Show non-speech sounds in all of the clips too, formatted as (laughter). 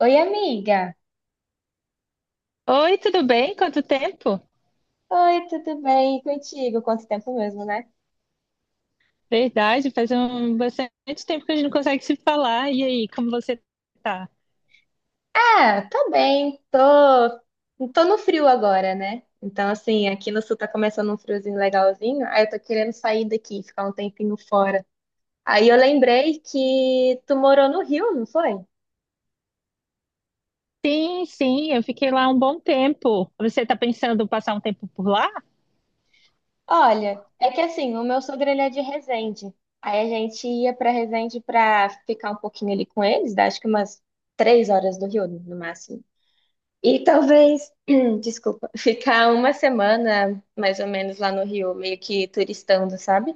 Oi, amiga. Oi, tudo bem? Quanto tempo? Oi, tudo bem? E contigo? Quanto tempo mesmo, né? Verdade, faz um bastante tempo que a gente não consegue se falar. E aí, como você tá? Ah, tá bem. Tô no frio agora, né? Então, assim, aqui no sul tá começando um friozinho legalzinho. Aí eu tô querendo sair daqui, ficar um tempinho fora. Aí eu lembrei que tu morou no Rio, não foi? Sim, sim, eu fiquei lá um bom tempo. Você tá pensando em passar um tempo por lá? Olha, é que assim, o meu sogro ele é de Resende. Aí a gente ia pra Resende pra ficar um pouquinho ali com eles, dá, acho que umas 3 horas do Rio, no máximo. E talvez, (clears throat) desculpa, (laughs) ficar uma semana mais ou menos lá no Rio, meio que turistando, sabe?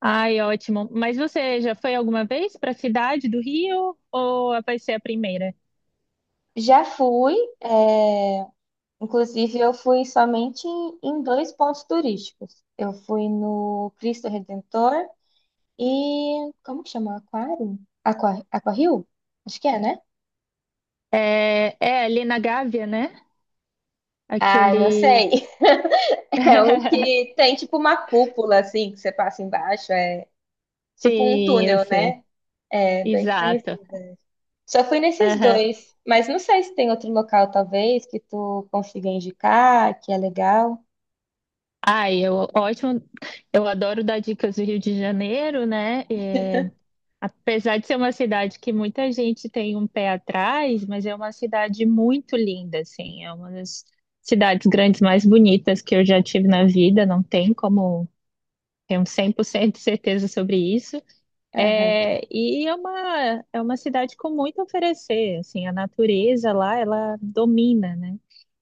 Ai, ótimo. Mas você já foi alguma vez para a cidade do Rio ou vai ser a primeira? Já fui, é, inclusive eu fui somente em dois pontos turísticos. Eu fui no Cristo Redentor e como que chama? Aquário? Aquario? Acho que é, né? É ali na Gávea, né? Ah, não Aquele. sei. (laughs) É o que (laughs) tem tipo uma cúpula assim que você passa embaixo, é tipo um Sim, eu túnel, sei. né? É bem Exato. conhecido. Só fui nesses Aham. dois, mas não sei se tem outro local, talvez, que tu consiga indicar, que é legal. Ai, ótimo. Eu adoro dar dicas do Rio de Janeiro, né? Apesar de ser uma cidade que muita gente tem um pé atrás, mas é uma cidade muito linda, assim, é uma das cidades grandes mais bonitas que eu já tive na vida, não tem como ter um 100% de certeza sobre isso. Aham. É, e é uma cidade com muito a oferecer, assim, a natureza lá, ela domina, né?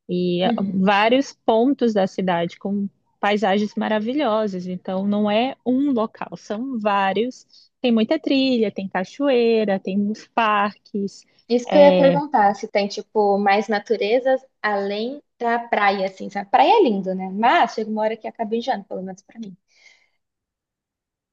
E Uhum. vários pontos da cidade com paisagens maravilhosas. Então, não é um local, são vários. Tem muita trilha, tem cachoeira, tem uns parques, Isso que eu ia é, perguntar, se tem, tipo, mais naturezas além da praia, assim, sabe? Praia é lindo, né? Mas chega uma hora que acaba enjoando, pelo menos pra mim.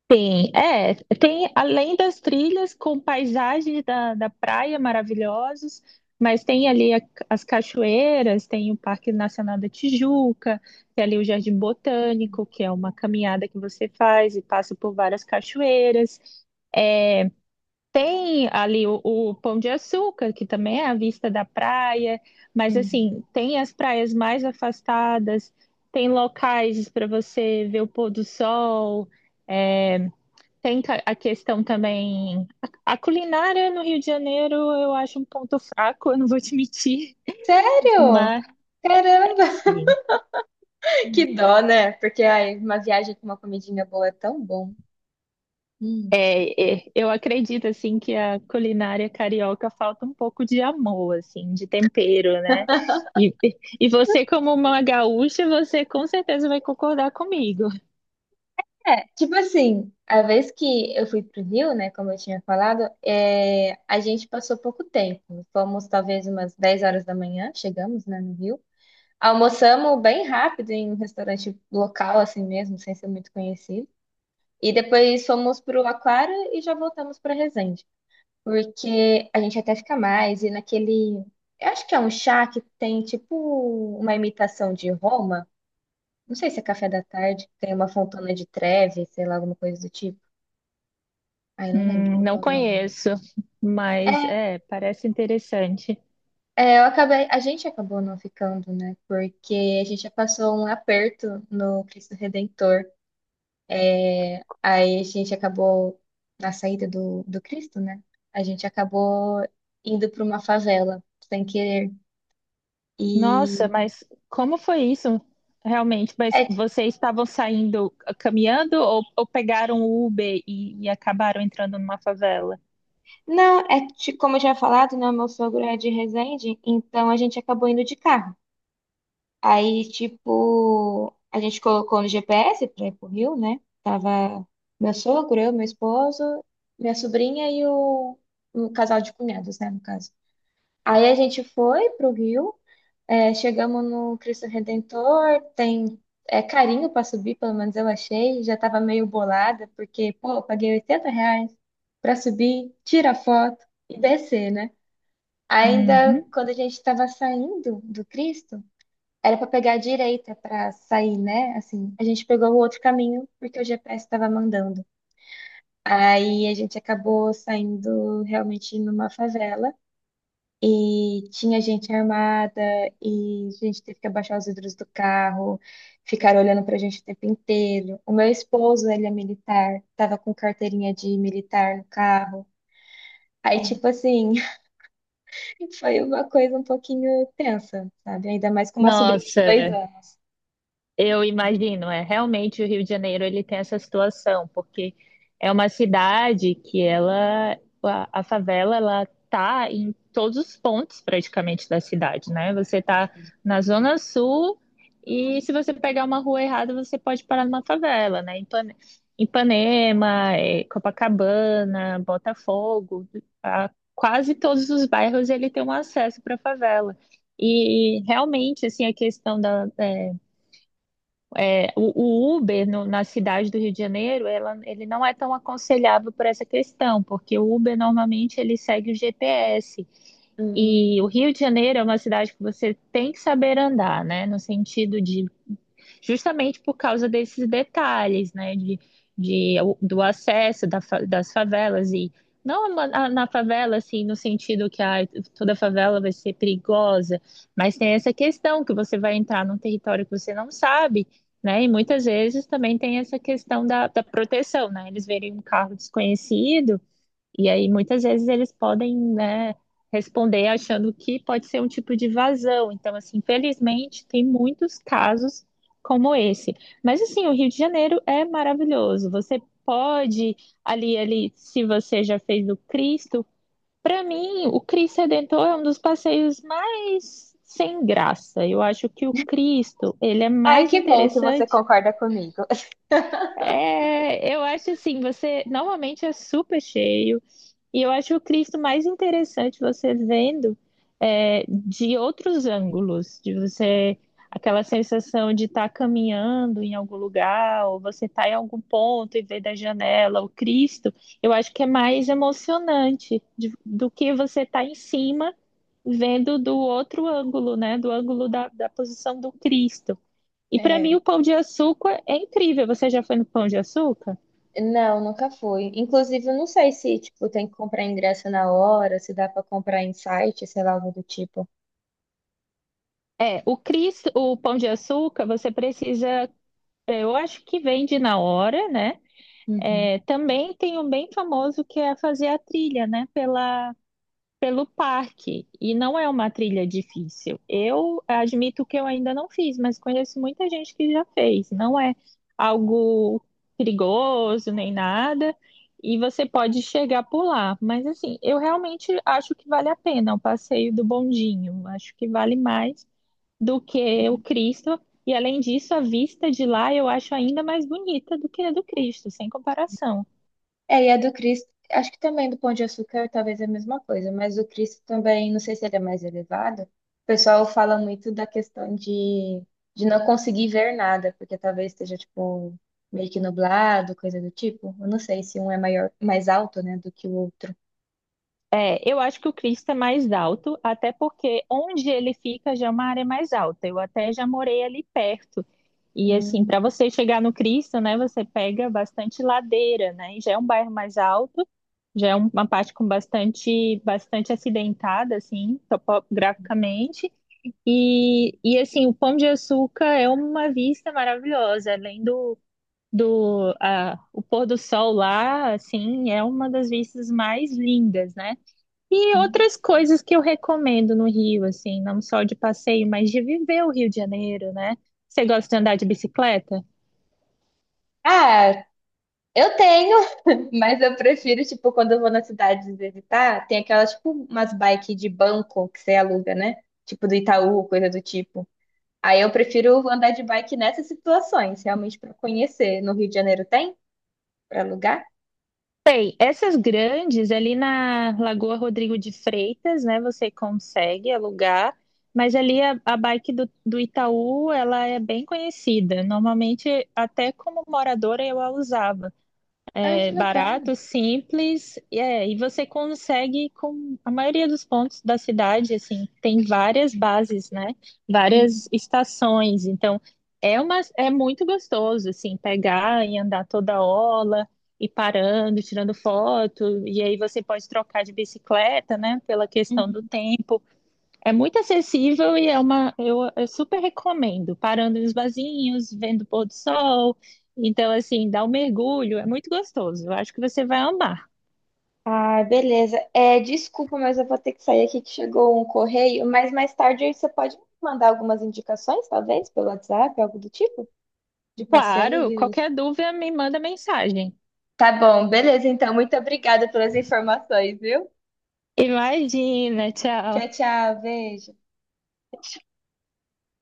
tem, é, tem além das trilhas com paisagens da praia maravilhosos, mas tem ali as cachoeiras, tem o Parque Nacional da Tijuca, tem ali o Jardim Botânico, que é uma caminhada que você faz e passa por várias cachoeiras. Tem ali o Pão de Açúcar, que também é à vista da praia, mas Uhum. assim, tem as praias mais afastadas, tem locais para você ver o pôr do sol, é, a questão também. A culinária no Rio de Janeiro eu acho um ponto fraco, eu não vou te mentir, Sério? mas Caramba! (laughs) Que dó, né? Porque ai, uma viagem com uma comidinha boa é tão bom. Eu acredito assim que a culinária carioca falta um pouco de amor, assim, de tempero, né? E, e você, como uma gaúcha, você com certeza vai concordar comigo. É, tipo assim, a vez que eu fui pro Rio, né, como eu tinha falado, é, a gente passou pouco tempo. Fomos talvez umas 10 horas da manhã, chegamos, né, no Rio. Almoçamos bem rápido em um restaurante local, assim mesmo, sem ser muito conhecido. E depois fomos pro Aquário e já voltamos pra Resende. Porque a gente até fica mais, e naquele. Eu acho que é um chá que tem tipo uma imitação de Roma. Não sei se é café da tarde, tem uma fontana de treve, sei lá, alguma coisa do tipo. Ai, não lembro qual que é Não o nome. conheço, mas É, é, parece interessante. Eu acabei, a gente acabou não ficando, né? Porque a gente já passou um aperto no Cristo Redentor. Aí a gente acabou, na saída do Cristo, né? A gente acabou indo para uma favela, sem querer. Nossa, E. mas como foi isso realmente? Mas É, vocês estavam saindo caminhando ou pegaram o Uber e acabaram entrando numa favela? não, é como eu já tinha falado, né? Meu sogro é de Resende, então a gente acabou indo de carro. Aí, tipo, a gente colocou no GPS pra ir pro Rio, né? Tava meu sogro, eu, meu esposo, minha sobrinha e o casal de cunhados, né, no caso. Aí a gente foi pro Rio, é, chegamos no Cristo Redentor, tem é, carinho pra subir, pelo menos eu achei. Já tava meio bolada, porque, pô, eu paguei R$ 80 pra subir, tirar foto e descer, né? Ainda Uhum. quando a gente estava saindo do Cristo, era pra pegar a direita pra sair, né? Assim, a gente pegou o outro caminho porque o GPS estava mandando. Aí a gente acabou saindo realmente numa favela e tinha gente armada e a gente teve que abaixar os vidros do carro, ficaram olhando pra gente o tempo inteiro. O meu esposo, ele é militar, tava com carteirinha de militar no carro. Aí, tipo assim, (laughs) foi uma coisa um pouquinho tensa, sabe? Ainda mais com uma sobrinha de Nossa. dois Eu imagino, é realmente o Rio de Janeiro ele tem essa situação, porque é uma cidade que ela a favela ela tá em todos os pontos praticamente da cidade, né? Você tá na zona sul e se você pegar uma rua errada, você pode parar numa favela, né? Ipanema, Copacabana, Botafogo, a- quase todos os bairros ele tem um acesso para favela. E realmente assim a questão da o Uber na cidade do Rio de Janeiro, ele não é tão aconselhável por essa questão, porque o Uber normalmente ele segue o GPS. anos. E o Rio de Janeiro é uma cidade que você tem que saber andar, né? No sentido de justamente por causa desses detalhes, né, de, de do acesso das favelas e não na favela, assim, no sentido que toda favela vai ser perigosa, mas tem essa questão que você vai entrar num território que você não sabe, né? E muitas vezes também tem essa questão da proteção, né? Eles verem um carro desconhecido, e aí, muitas vezes, eles podem, né, responder achando que pode ser um tipo de vazão. Então, assim, infelizmente, tem muitos casos como esse. Mas, assim, o Rio de Janeiro é maravilhoso. Você pode, ali, se você já fez o Cristo, para mim, o Cristo Redentor é um dos passeios mais sem graça. Eu acho que o Cristo, ele é Ai, mais que bom que você interessante. concorda comigo. (laughs) É, eu acho assim, você normalmente é super cheio. E eu acho o Cristo mais interessante você vendo de outros ângulos, de você aquela sensação de estar caminhando em algum lugar, ou você estar em algum ponto e ver da janela o Cristo, eu acho que é mais emocionante do que você estar em cima vendo do outro ângulo, né? Do ângulo da posição do Cristo. E para mim É, o pão de açúcar é incrível. Você já foi no pão de açúcar? não, nunca fui. Inclusive, eu não sei se, tipo, tem que comprar ingresso na hora, se dá pra comprar em site, sei lá, algo do tipo. É, o Cristo, o pão de açúcar, você precisa. É, eu acho que vende na hora, né? Uhum. É, também tem um bem famoso que é fazer a trilha, né? Pelo parque. E não é uma trilha difícil. Eu admito que eu ainda não fiz, mas conheço muita gente que já fez. Não é algo perigoso nem nada. E você pode chegar por lá. Mas assim, eu realmente acho que vale a pena o passeio do bondinho. Acho que vale mais do que o Cristo. E além disso, a vista de lá eu acho ainda mais bonita do que a do Cristo, sem comparação. É, e a do Cristo, acho que também do Pão de Açúcar talvez é a mesma coisa, mas o Cristo também, não sei se ele é mais elevado. O pessoal fala muito da questão de não conseguir ver nada, porque talvez esteja, tipo, meio que nublado, coisa do tipo. Eu não sei se um é maior, mais alto, né, do que o outro. É, eu acho que o Cristo é mais alto, até porque onde ele fica já é uma área mais alta. Eu até já morei ali perto. E assim, Uhum. para você chegar no Cristo, né, você pega bastante ladeira, né? E já é um bairro mais alto, já é uma parte com bastante, bastante acidentada, assim, topograficamente. E assim, o Pão de Açúcar é uma vista maravilhosa, além o pôr do sol lá, assim, é uma das vistas mais lindas, né? E outras coisas que eu recomendo no Rio, assim, não só de passeio, mas de viver o Rio de Janeiro, né? Você gosta de andar de bicicleta? Ah, eu tenho, (laughs) mas eu prefiro, tipo, quando eu vou na cidade visitar, tem aquelas, tipo, umas bikes de banco que você aluga, né? Tipo do Itaú, coisa do tipo. Aí eu prefiro andar de bike nessas situações, realmente pra conhecer. No Rio de Janeiro tem pra alugar? Bem, essas grandes ali na Lagoa Rodrigo de Freitas, né? Você consegue alugar, mas ali a bike do Itaú, ela é bem conhecida. Normalmente, até como moradora, eu a usava. Ai, que É legal. barato, simples, e você consegue com a maioria dos pontos da cidade, assim, tem várias bases, né? Várias Uhum. estações. Então, é muito gostoso, assim, pegar e andar toda hora, e parando, tirando foto, e aí você pode trocar de bicicleta, né? Pela questão do Uhum. tempo. É muito acessível e é uma. Eu super recomendo. Parando nos barzinhos, vendo o pôr do sol. Então, assim, dá um mergulho, é muito gostoso. Eu acho que você vai amar. Ah, beleza. É, desculpa, mas eu vou ter que sair aqui que chegou um correio, mas mais tarde aí você pode me mandar algumas indicações, talvez, pelo WhatsApp, algo do tipo, de Claro, passeios. qualquer dúvida me manda mensagem. Tá bom, beleza, então. Muito obrigada pelas informações, viu? Imagina, tchau. Tchau, tchau, beijo.